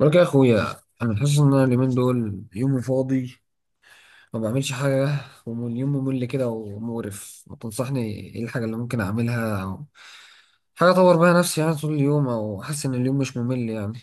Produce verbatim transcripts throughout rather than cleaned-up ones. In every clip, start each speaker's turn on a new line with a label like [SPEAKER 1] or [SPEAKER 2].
[SPEAKER 1] بقولك يا اخويا، انا حاسس ان انا اليومين دول يومي فاضي، ما بعملش حاجه. واليوم ممل كده ومقرف، ما تنصحني ايه الحاجه اللي ممكن اعملها او حاجه اطور بيها نفسي يعني طول اليوم، او احس ان اليوم مش ممل يعني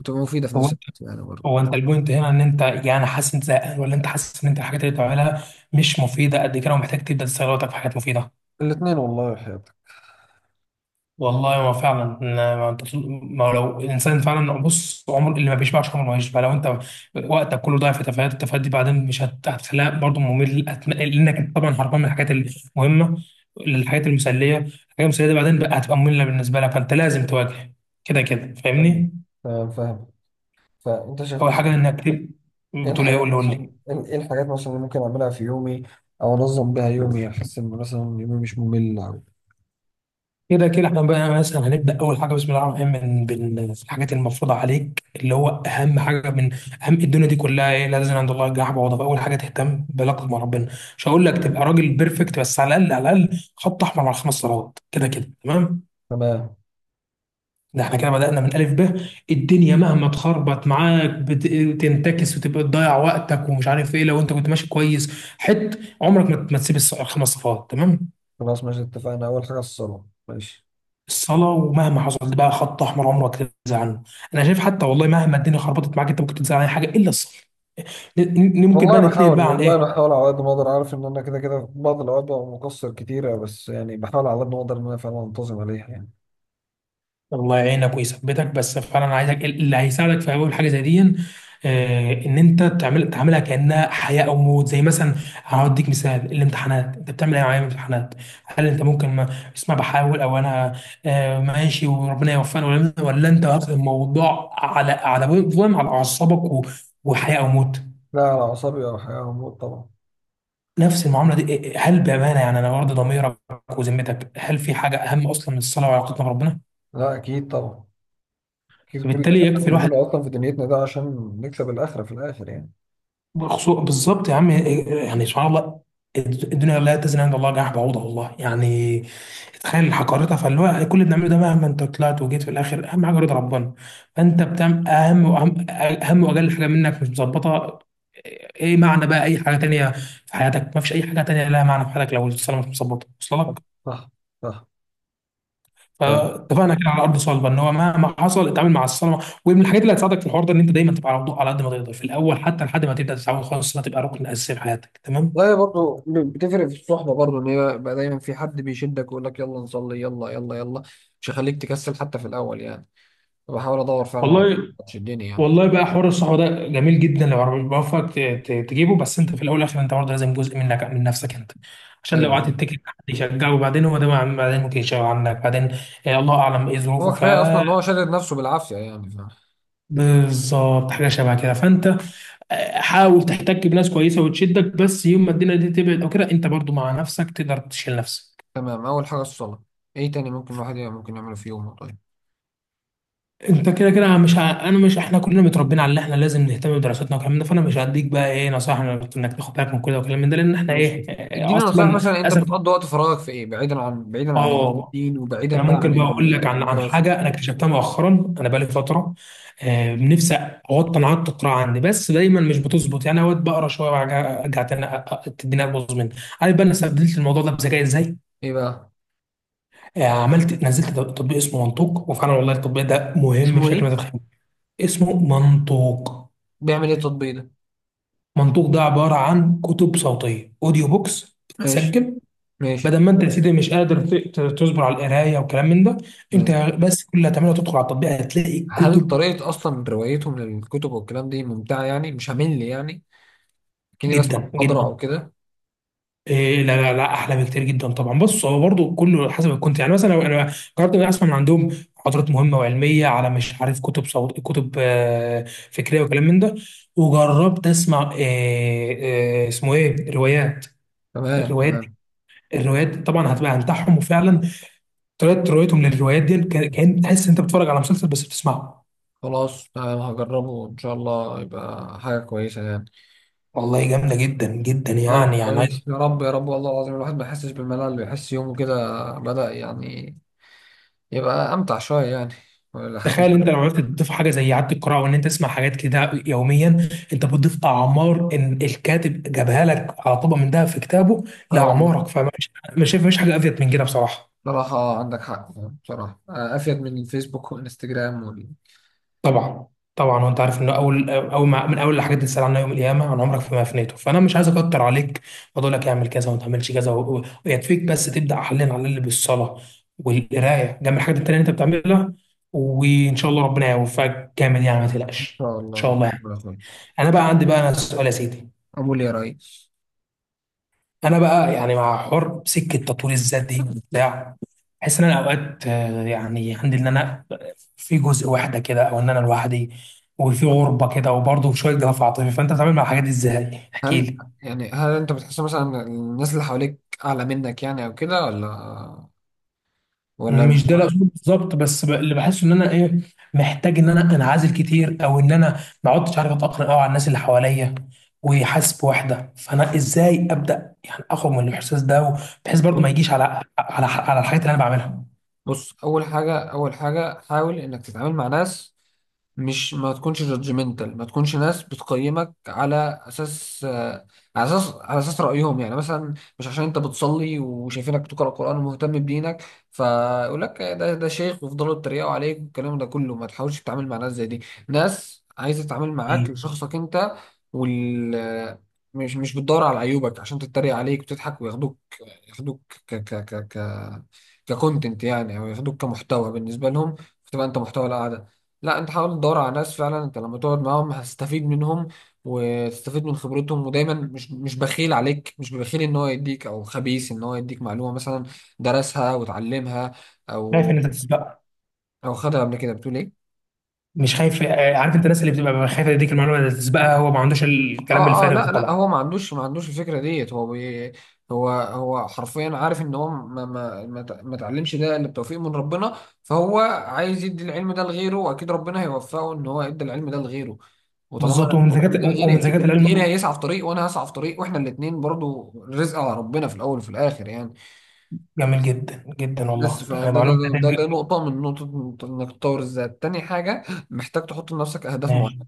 [SPEAKER 1] وتبقى مفيده في
[SPEAKER 2] هو
[SPEAKER 1] نفس
[SPEAKER 2] انت
[SPEAKER 1] الوقت يعني
[SPEAKER 2] هو
[SPEAKER 1] برضه.
[SPEAKER 2] انت البوينت هنا ان انت يعني حاسس انت زهقان، ولا انت حاسس ان انت الحاجات اللي بتعملها مش مفيده قد كده ومحتاج تبدا تستغل وقتك في حاجات مفيده.
[SPEAKER 1] الاثنين والله يا حياتك.
[SPEAKER 2] والله ما فعلا. ما انت طول- ما لو الانسان فعلا بص، عمر اللي ما بيشبعش عمره ما يشبع. لو انت وقتك كله ضايع في تفاهات، التفاهات دي بعدين مش هت- هتخليها برضه ممل، هت- لانك انت طبعا هربان من الحاجات المهمه للحاجات المسليه، الحاجات المسليه دي بعدين بقى هتبقى ممله بالنسبه لك، فانت لازم تواجه كده كده،
[SPEAKER 1] ايوه،
[SPEAKER 2] فاهمني؟
[SPEAKER 1] تمام، فاهم. فانت شايف
[SPEAKER 2] اول حاجه
[SPEAKER 1] مثلا.
[SPEAKER 2] انك تب-
[SPEAKER 1] ايه
[SPEAKER 2] بتقول ايه؟
[SPEAKER 1] الحاجات
[SPEAKER 2] قول لي قول
[SPEAKER 1] مثلا
[SPEAKER 2] لي.
[SPEAKER 1] ايه إيه الحاجات مثلا اللي ممكن اعملها في يومي، او انظم بيها يومي احس ان مثلا يومي مش ممل أوي.
[SPEAKER 2] كده كده احنا بقى مثلا هنبدا اول حاجه، بسم الله الرحمن الرحيم، من بالحاجات المفروضه عليك، اللي هو اهم حاجه من اهم الدنيا دي كلها ايه، لازم عند الله الجناح بعوضه. فاول حاجه تهتم بعلاقتك مع ربنا. مش هقول لك تبقى راجل بيرفكت، بس على الاقل على الاقل خط احمر على الخمس صلوات، كده كده تمام.
[SPEAKER 1] تمام.
[SPEAKER 2] ده احنا كده بدانا من الف ب. الدنيا مهما تخربط معاك، بت- بتنتكس وتبقى تضيع وقتك ومش عارف ايه، لو انت كنت ماشي كويس حت عمرك ما ما تسيب الص- الخمس صفات، تمام.
[SPEAKER 1] خلاص ماشي، اتفقنا، اول حاجه الصلاه، ماشي.
[SPEAKER 2] الصلاة ومهما حصل بقى خط أحمر عمرك تنزع عنه. أنا شايف حتى والله مهما الدنيا خربطت معاك، أنت ممكن تنزع عن أي حاجة إلا الصلاة. ن- ن- ممكن بقى
[SPEAKER 1] والله
[SPEAKER 2] نتنقل
[SPEAKER 1] بحاول،
[SPEAKER 2] بقى عن
[SPEAKER 1] والله
[SPEAKER 2] إيه.
[SPEAKER 1] بحاول على قد ما اقدر، عارف ان انا كده كده في بعض الاوقات ببقى مقصر كتيره، بس يعني بحاول على قد ما اقدر ان انا فعلا انتظم عليها يعني.
[SPEAKER 2] الله يعينك ويثبتك، بس فعلا أنا عايزك اللي هيساعدك في أول حاجة زي دي، آه، إن أنت تعمل تعملها كأنها حياة أو موت. زي مثلا هديك مثال الامتحانات، أنت بتعمل إيه معايا في الامتحانات؟ هل أنت ممكن ما اسمع بحاول أو أنا آه، ماشي وربنا يوفقني، ولا ولا أنت واخد الموضوع على على فاهم، على أعصابك و- وحياة أو موت.
[SPEAKER 1] لا، على اعصابي او حاجه هموت طبعا.
[SPEAKER 2] نفس المعامله دي. إيه- إيه، هل بامانه، يعني انا برضه ضميرك وذمتك، هل في حاجه اهم اصلا من الصلاه وعلاقتنا بربنا؟
[SPEAKER 1] لا، اكيد طبعا، اكيد كل اللي
[SPEAKER 2] فبالتالي
[SPEAKER 1] احنا
[SPEAKER 2] يكفي الواحد
[SPEAKER 1] بنعمله اصلا في دنيتنا ده عشان نكسب الاخره في الاخر يعني.
[SPEAKER 2] بخصوص بالظبط يا عم. إيه- إيه، يعني سبحان الله، الد- الدنيا لا تزن عند الله جناح بعوضه، والله يعني تخيل حقارتها. فاللي هو كل اللي بنعمله ده مهما انت طلعت وجيت في الاخر، اهم حاجه رضا ربنا. فانت بتعمل اهم واهم اهم واجل حاجه منك مش مظبطه، ايه معنى بقى اي حاجه تانيه في حياتك؟ ما فيش اي حاجه تانيه لها معنى في حياتك لو الصلاه مش مظبطه، وصل لك؟
[SPEAKER 1] صح، صح، فاهم.
[SPEAKER 2] فاتفقنا كده على ارض صلبه ان هو مهما حصل اتعامل مع الصنعه. ومن الحاجات اللي هتساعدك في الحوار ده ان انت دايما تبقى على وضوء، على قد ما تقدر في الاول، حتى لحد ما تبدا تتعود خالص انها تبقى ركن اساسي في حياتك، تمام.
[SPEAKER 1] والله برضه بتفرق في الصحبه برضه، ان هي بقى دايما في حد بيشدك ويقول لك يلا نصلي يلا يلا يلا، مش هيخليك تكسل حتى في الاول يعني. فبحاول ادور فعلا على
[SPEAKER 2] والله.
[SPEAKER 1] حد تشدني يعني.
[SPEAKER 2] والله بقى حوار الصحبه ده جميل جدا لو ربنا بيوفقك ت- ت- تجيبه، بس انت في الاول والاخر انت برضه لازم جزء منك من نفسك انت، عشان لو
[SPEAKER 1] ايوه،
[SPEAKER 2] قعدت
[SPEAKER 1] فاهم.
[SPEAKER 2] تتكل على حد يشجعه وبعدين هو ده بعدين ممكن يشجع عنك بعدين. آه، الله اعلم ايه ظروفه.
[SPEAKER 1] هو
[SPEAKER 2] ف
[SPEAKER 1] كفايه اصلا ان هو شادد نفسه بالعافيه يعني.
[SPEAKER 2] بالظبط حاجه شبه كده. فانت آه، حاول تحتك بناس كويسه وتشدك، بس يوم ما الدنيا دي تبعد او كده، انت برضو مع نفسك تقدر تشيل نفسك.
[SPEAKER 1] تمام، اول حاجه الصلاه. ايه تاني ممكن الواحد يع- ممكن يعمله في يومه؟ طيب.
[SPEAKER 2] انت كده كده مش ع- انا مش، احنا كلنا متربيين على ان احنا لازم نهتم بدراستنا والكلام ده، فانا مش هديك بقى ايه نصائح انك تاخد بالك من كده والكلام من ده، لان احنا
[SPEAKER 1] ماشي.
[SPEAKER 2] ايه آه،
[SPEAKER 1] اديني
[SPEAKER 2] اصلا
[SPEAKER 1] نصائح مثلا، انت
[SPEAKER 2] للاسف.
[SPEAKER 1] بتقضي وقت فراغك في ايه بعيدا عن بعيدا عن
[SPEAKER 2] اه
[SPEAKER 1] الدين، وبعيدا
[SPEAKER 2] انا
[SPEAKER 1] بقى عن
[SPEAKER 2] ممكن بقى اقول
[SPEAKER 1] ال-
[SPEAKER 2] لك عن عن
[SPEAKER 1] الدراسه؟
[SPEAKER 2] حاجه انا اكتشفتها مؤخرا. انا بقالي فتره، آه، نفسي اوطي عادة القراءه عندي، بس دايما مش بتظبط. يعني اوقات بقرا شويه وارجع أرجع تاني أ- أ- تديني ابوظ مني. عارف بقى انا استبدلت الموضوع ده بذكاء ازاي؟
[SPEAKER 1] ايه بقى؟
[SPEAKER 2] آه، عملت نزلت تط- تطبيق اسمه منطوق، وفعلا والله التطبيق ده مهم
[SPEAKER 1] اسمه
[SPEAKER 2] بشكل
[SPEAKER 1] ايه؟
[SPEAKER 2] ما تتخيل. اسمه منطوق.
[SPEAKER 1] بيعمل ايه التطبيق ده؟
[SPEAKER 2] منطوق ده عباره عن كتب صوتيه، اوديو بوكس
[SPEAKER 1] ماشي،
[SPEAKER 2] بتتسجل.
[SPEAKER 1] ماشي.
[SPEAKER 2] بدل ما انت يا سيدي مش قادر ت- ت- تصبر على القرايه وكلام من ده. انت
[SPEAKER 1] ماشي.
[SPEAKER 2] بس كل اللي هتعمله تدخل على التطبيق هتلاقي
[SPEAKER 1] هل
[SPEAKER 2] كتب.
[SPEAKER 1] طريقه اصلا روايتهم للكتب والكلام دي ممتعه يعني، مش همل يعني، كني بس
[SPEAKER 2] جدا
[SPEAKER 1] محاضره
[SPEAKER 2] جدا.
[SPEAKER 1] او كده؟
[SPEAKER 2] إيه لا لا لا احلى بكتير جدا طبعا. بص هو برضه كله حسب الكونت، يعني مثلا لو انا جربت اني اسمع من عندهم محاضرات مهمه وعلميه، على مش عارف، كتب صوت، كتب آه، فكريه وكلام من ده. وجربت اسمع آه، آه، اسمه ايه، روايات.
[SPEAKER 1] تمام،
[SPEAKER 2] الروايات دي-
[SPEAKER 1] تمام.
[SPEAKER 2] الروايات طبعا هتبقى هنتاعهم، وفعلا طريقه روايتهم للروايات دي كان كأن تحس انت بتتفرج على مسلسل بس بتسمعه.
[SPEAKER 1] خلاص تمام، هجربه ان شاء الله، يبقى حاجه كويسه يعني.
[SPEAKER 2] والله جامده جدا جدا،
[SPEAKER 1] طيب
[SPEAKER 2] يعني يعني.
[SPEAKER 1] كويس، يا رب يا رب، والله العظيم الواحد ما يحسش بالملل، يحس يومه كده بدأ يعني، يبقى أمتع شوية يعني لحد ما.
[SPEAKER 2] تخيل انت لو عرفت تضيف حاجه زي اعاده القراءه وان انت تسمع حاجات كده يوميا، انت بتضيف اعمار، ان الكاتب جابها لك على طبق من ده في كتابه
[SPEAKER 1] اه والله.
[SPEAKER 2] لاعمارك. فمش مش شايف مفيش حاجه افيد من كده بصراحه.
[SPEAKER 1] بصراحة، آه، عندك حق يعني، بصراحة، آه، أفيد من الفيسبوك والإنستجرام وال.
[SPEAKER 2] طبعا. طبعا وانت عارف انه اول اول ما من اول الحاجات اللي تسال عنها يوم القيامه عن عمرك فيما افنيته. فانا مش عايز اكتر عليك واقول لك اعمل كذا وما تعملش كذا، و- و- ويكفيك بس تبدا حاليا على اللي بالصلاه والقرايه جنب الحاجات التانيه اللي انت بتعملها، وان شاء الله ربنا يوفقك جامد. يعني ما
[SPEAKER 1] إن
[SPEAKER 2] تقلقش
[SPEAKER 1] شاء
[SPEAKER 2] ان شاء
[SPEAKER 1] الله
[SPEAKER 2] الله يعني.
[SPEAKER 1] ربنا يخليك.
[SPEAKER 2] انا بقى عندي بقى انا سؤال يا سيدي.
[SPEAKER 1] أقول يا ريس.
[SPEAKER 2] انا بقى يعني مع حر سكه تطوير الذات دي بتاع، بحس ان انا اوقات آه، يعني عندي ان انا في جزء وحده كده، او ان انا لوحدي وفي غربه كده، وبرضه شويه جفاف عاطفي. فانت بتتعامل مع الحاجات دي ازاي؟ احكي
[SPEAKER 1] هل
[SPEAKER 2] لي.
[SPEAKER 1] يعني هل أنت بتحس مثلا إن الناس اللي حواليك أعلى منك يعني أو كده؟ ولا ولا.
[SPEAKER 2] مش ده الاصول بالظبط، بس ب- اللي بحسه ان انا ايه، محتاج ان انا انعزل كتير، او ان انا ما عدتش عارف اتاقلم قوي على الناس اللي حواليا، وحاسس بوحده. فانا ازاي ابدا يعني اخرج من الاحساس ده، بحيث برضه ما يجيش على على على الحاجات اللي انا بعملها
[SPEAKER 1] بص، اول حاجه اول حاجه حاول انك تتعامل مع ناس، مش، ما تكونش جادجمنتال، ما تكونش ناس بتقيمك على اساس آه، على اساس على اساس رايهم يعني مثلا. مش عشان انت بتصلي وشايفينك بتقرا قران ومهتم بدينك، فيقول لك ده ده شيخ، ويفضلوا يتريقوا عليك والكلام ده كله، ما تحاولش تتعامل مع ناس زي دي. ناس عايزه تتعامل معاك
[SPEAKER 2] كتير.
[SPEAKER 1] لشخصك انت. وال مش مش بتدور على عيوبك عشان تتريق عليك وتضحك وياخدوك، ياخدوك ك ك ك ك ككونتنت يعني، او ياخدوك كمحتوى بالنسبه لهم، فتبقى انت محتوى القعده. لا، انت حاول تدور على ناس فعلا انت لما تقعد معاهم هتستفيد منهم، وتستفيد من خبرتهم، ودايما مش مش بخيل عليك، مش بخيل ان هو يديك، او خبيث ان هو يديك معلومه مثلا درسها وتعلمها،
[SPEAKER 2] خايف ان
[SPEAKER 1] او
[SPEAKER 2] انت تسبقها؟
[SPEAKER 1] او خدها قبل كده، بتقول ايه؟
[SPEAKER 2] مش خايف، آه، عارف انت الناس اللي بتبقى خايفه تديك المعلومه اللي تسبقها، هو ما عندوش الكلام
[SPEAKER 1] اه اه،
[SPEAKER 2] الفارغ ده
[SPEAKER 1] لا لا،
[SPEAKER 2] طبعا.
[SPEAKER 1] هو ما عندوش ما عندوش الفكره ديت، هو بي هو هو حرفيا عارف ان هو ما ما ما ت- ما اتعلمش ده الا بتوفيق من ربنا. فهو عايز يدي العلم ده لغيره، واكيد ربنا هيوفقه ان هو يدي العلم ده لغيره. وطالما انا
[SPEAKER 2] بالظبط. ومن
[SPEAKER 1] اديت العلم ده
[SPEAKER 2] ذكاء
[SPEAKER 1] لغيري،
[SPEAKER 2] ومن ذكاء
[SPEAKER 1] اكيد غيري
[SPEAKER 2] العلم.
[SPEAKER 1] هيسعى في طريق وانا هسعى في طريق، واحنا الاثنين برضو رزق على ربنا في الاول وفي الاخر يعني.
[SPEAKER 2] جميل جدا جدا
[SPEAKER 1] بس
[SPEAKER 2] والله.
[SPEAKER 1] فده
[SPEAKER 2] يعني
[SPEAKER 1] ده
[SPEAKER 2] معلومه
[SPEAKER 1] ده ده, ده
[SPEAKER 2] هتعمل-
[SPEAKER 1] نقطه من نقطه انك تطور الذات. تاني حاجه محتاج تحط لنفسك اهداف معينه،
[SPEAKER 2] ماشي.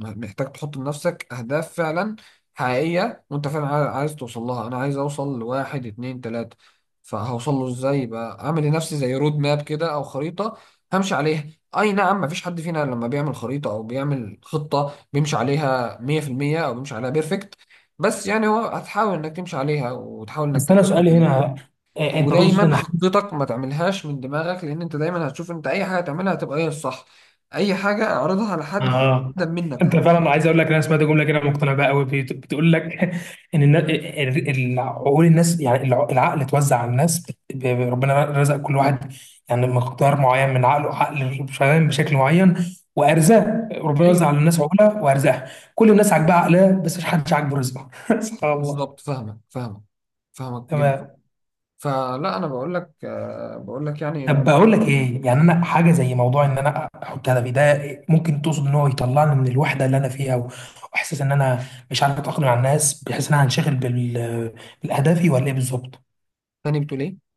[SPEAKER 1] محتاج تحط لنفسك أهداف فعلا حقيقية، وأنت فعلا عاي- عايز توصل لها. أنا عايز أوصل لواحد اتنين تلاتة، فهوصل له إزاي؟ بقى أعمل لنفسي زي رود ماب كده أو خريطة همشي عليها. أي نعم، مفيش حد فينا لما بيعمل خريطة أو بيعمل خطة بيمشي عليها مية في المية أو بيمشي عليها بيرفكت، بس يعني هو هتحاول إنك تمشي عليها وتحاول إنك
[SPEAKER 2] بس انا
[SPEAKER 1] تلتزم
[SPEAKER 2] سؤالي
[SPEAKER 1] عليها.
[SPEAKER 2] هنا، آه، انت تقصد
[SPEAKER 1] ودايما
[SPEAKER 2] ان
[SPEAKER 1] خطتك ما تعملهاش من دماغك، لأن أنت دايما هتشوف أنت أي حاجة تعملها هتبقى هي الصح، أي حاجة اعرضها على حد
[SPEAKER 2] اه
[SPEAKER 1] أقدم منك.
[SPEAKER 2] انت فعلا، عايز اقول لك انا سمعت جمله كده مقتنع بها قوي، بت- بتقول لك ان النا- ال- ال- عقول الناس، يعني الع- العقل اتوزع على الناس، بت- ب- ب- ربنا رزق كل واحد يعني مقدار معين من عقله، عقل شغال بشكل معين. وارزاق ربنا
[SPEAKER 1] ايوه
[SPEAKER 2] وزع على الناس عقولها وارزاقها، كل الناس عاجبها عقلها، بس مش حدش عاجبه رزقه سبحان الله.
[SPEAKER 1] بالظبط، فاهمك، فاهمك، فاهمك جدا.
[SPEAKER 2] تمام.
[SPEAKER 1] فلا، انا بقول لك آه، بقول لك يعني
[SPEAKER 2] طب
[SPEAKER 1] ان.
[SPEAKER 2] بقول لك ايه، يعني انا حاجه زي موضوع ان انا احط هدفي ده، ممكن تقصد ان هو يطلعني من الوحده اللي انا فيها و- واحساس ان انا مش عارف اتاقلم مع الناس، بحيث ان انا هنشغل بال- بالاهدافي، ولا ايه بالظبط؟
[SPEAKER 1] تاني بتقول ايه؟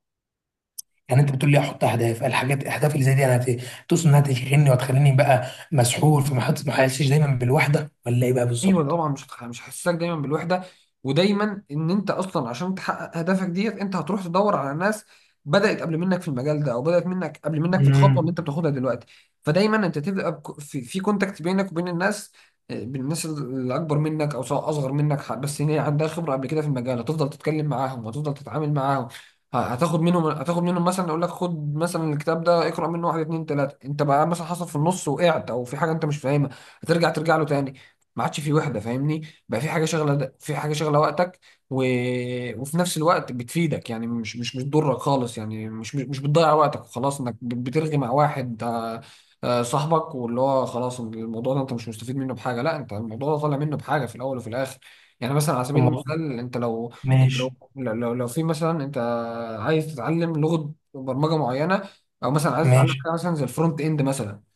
[SPEAKER 2] يعني انت بتقول لي احط اهداف، الحاجات الاهداف اللي زي دي انا هت- تقصد انها تشغلني وتخليني بقى مسحول، فما حدش- ما احسش دايما بالوحده، ولا ايه بقى
[SPEAKER 1] ايوه
[SPEAKER 2] بالظبط؟
[SPEAKER 1] طبعا، مش هتخ- مش هيحسسك دايما بالوحده، ودايما ان انت اصلا عشان تحقق هدفك ديت انت هتروح تدور على ناس بدات قبل منك في المجال ده، او بدات منك قبل منك في الخطوه اللي
[SPEAKER 2] امم.
[SPEAKER 1] انت بتاخدها دلوقتي. فدايما انت تبقى بك- في, في كونتاكت بينك وبين الناس، آه، بين الناس اللي اكبر منك او سواء اصغر منك، ح- بس هي عندها خبره قبل كده في المجال، هتفضل تتكلم معاهم هتفضل تتعامل معاهم. ه- هتاخد منهم هتاخد منهم مثلا اقول لك خد مثلا الكتاب ده اقرا منه واحد اتنين تلاته، انت بقى مثلا حصل في النص وقعت او في حاجه انت مش فاهمها، هترجع ترجع له تاني. ما عادش في وحده، فاهمني، بقى في حاجه شغله في حاجه شغله وقتك. و... وفي نفس الوقت بتفيدك يعني، مش مش مش بتضرك خالص يعني، مش مش بتضيع وقتك وخلاص انك بت- بترغي مع واحد، آه، آه، صاحبك، واللي هو خلاص الموضوع ده انت مش مستفيد منه بحاجه، لا، انت الموضوع ده طالع منه بحاجه في الاول وفي الاخر. يعني مثلا على سبيل
[SPEAKER 2] الموضوع
[SPEAKER 1] المثال انت لو، انت لو
[SPEAKER 2] ماشي.
[SPEAKER 1] لو, لو لو في مثلا انت عايز تتعلم لغه برمجه معينه، او مثلا عايز تتعلم
[SPEAKER 2] ماشي.
[SPEAKER 1] حاجه مثلا زي الفرونت اند مثلا.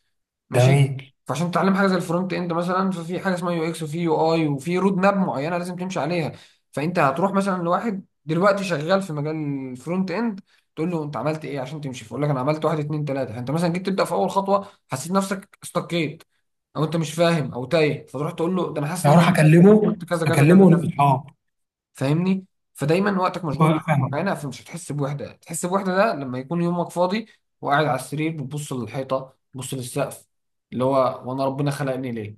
[SPEAKER 1] ماشي.
[SPEAKER 2] جميل.
[SPEAKER 1] فعشان تتعلم حاجه زي الفرونت اند مثلا ففي حاجه اسمها يو اكس وفي يو اي وفي رود ماب معينه لازم تمشي عليها. فانت هتروح مثلا لواحد دلوقتي شغال في مجال الفرونت اند، تقول له انت عملت ايه عشان تمشي، فيقول لك انا عملت واحد اتنين تلاته. فانت مثلا جيت تبدا في اول خطوه حسيت نفسك استقيت، او انت مش فاهم او تايه، فتروح تقول له ده انا حاسس ان انا
[SPEAKER 2] هروح اكلمه.
[SPEAKER 1] عملت كذا كذا
[SPEAKER 2] اكلمه
[SPEAKER 1] كذا كذا،
[SPEAKER 2] ونبقى
[SPEAKER 1] فاهمني. فدايما وقتك مشغول بحاجه
[SPEAKER 2] اصحاب.
[SPEAKER 1] معينه، فمش هتحس بوحده. تحس بوحده ده لما يكون يومك فاضي وقاعد على السرير بتبص للحيطه بتبص للسقف، اللي هو وانا ربنا خلقني ليه؟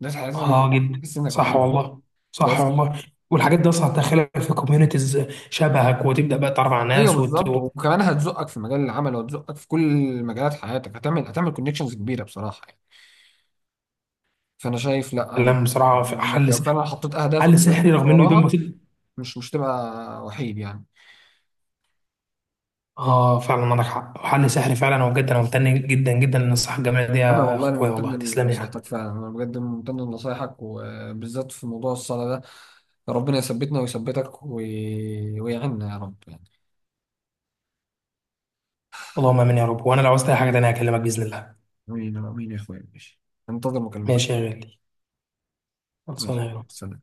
[SPEAKER 1] ده تحس
[SPEAKER 2] اه
[SPEAKER 1] انك
[SPEAKER 2] جدا
[SPEAKER 1] تحس انك
[SPEAKER 2] صح
[SPEAKER 1] وحيد
[SPEAKER 2] والله. صح
[SPEAKER 1] بس.
[SPEAKER 2] والله. والحاجات دي اصلا هتدخلك في كوميونيتيز شبهك، وتبدا بقى تتعرف على
[SPEAKER 1] ايوه
[SPEAKER 2] ناس وت-
[SPEAKER 1] بالظبط، وكمان هتزقك في مجال العمل وهتزقك في كل مجالات حياتك، هتعمل هتعمل كونكشنز كبيره بصراحه يعني. فانا شايف لا، أن-
[SPEAKER 2] وتتكلم بصراحه. في
[SPEAKER 1] انك
[SPEAKER 2] حل
[SPEAKER 1] لو
[SPEAKER 2] سحري،
[SPEAKER 1] فعلا حطيت اهدافك
[SPEAKER 2] حل
[SPEAKER 1] وبدات
[SPEAKER 2] سحري
[SPEAKER 1] تمشي
[SPEAKER 2] رغم انه يبان
[SPEAKER 1] وراها،
[SPEAKER 2] بسيط.
[SPEAKER 1] مش مش تبقى وحيد يعني.
[SPEAKER 2] اه فعلا عندك حق، حل سحري فعلا. وبجد انا ممتن جدا جدا للنصيحه الجميله دي
[SPEAKER 1] انا
[SPEAKER 2] يا
[SPEAKER 1] والله انا
[SPEAKER 2] اخويا،
[SPEAKER 1] ممتن
[SPEAKER 2] والله تسلم لي
[SPEAKER 1] لنصيحتك
[SPEAKER 2] يعني.
[SPEAKER 1] فعلا، انا بجد ممتن لنصايحك، وبالذات في موضوع الصلاه ده، ربنا يثبتنا ويثبتك وي... ويعيننا يا رب يعني.
[SPEAKER 2] اللهم امين يا رب. وانا لو عاوزت اي حاجه تانيه هكلمك باذن الله.
[SPEAKER 1] امين امين يا اخويا، ماشي، انتظر
[SPEAKER 2] ماشي
[SPEAKER 1] مكالمتك.
[SPEAKER 2] يا غالي. خلصانه
[SPEAKER 1] ماشي،
[SPEAKER 2] يا غالي.
[SPEAKER 1] سلام.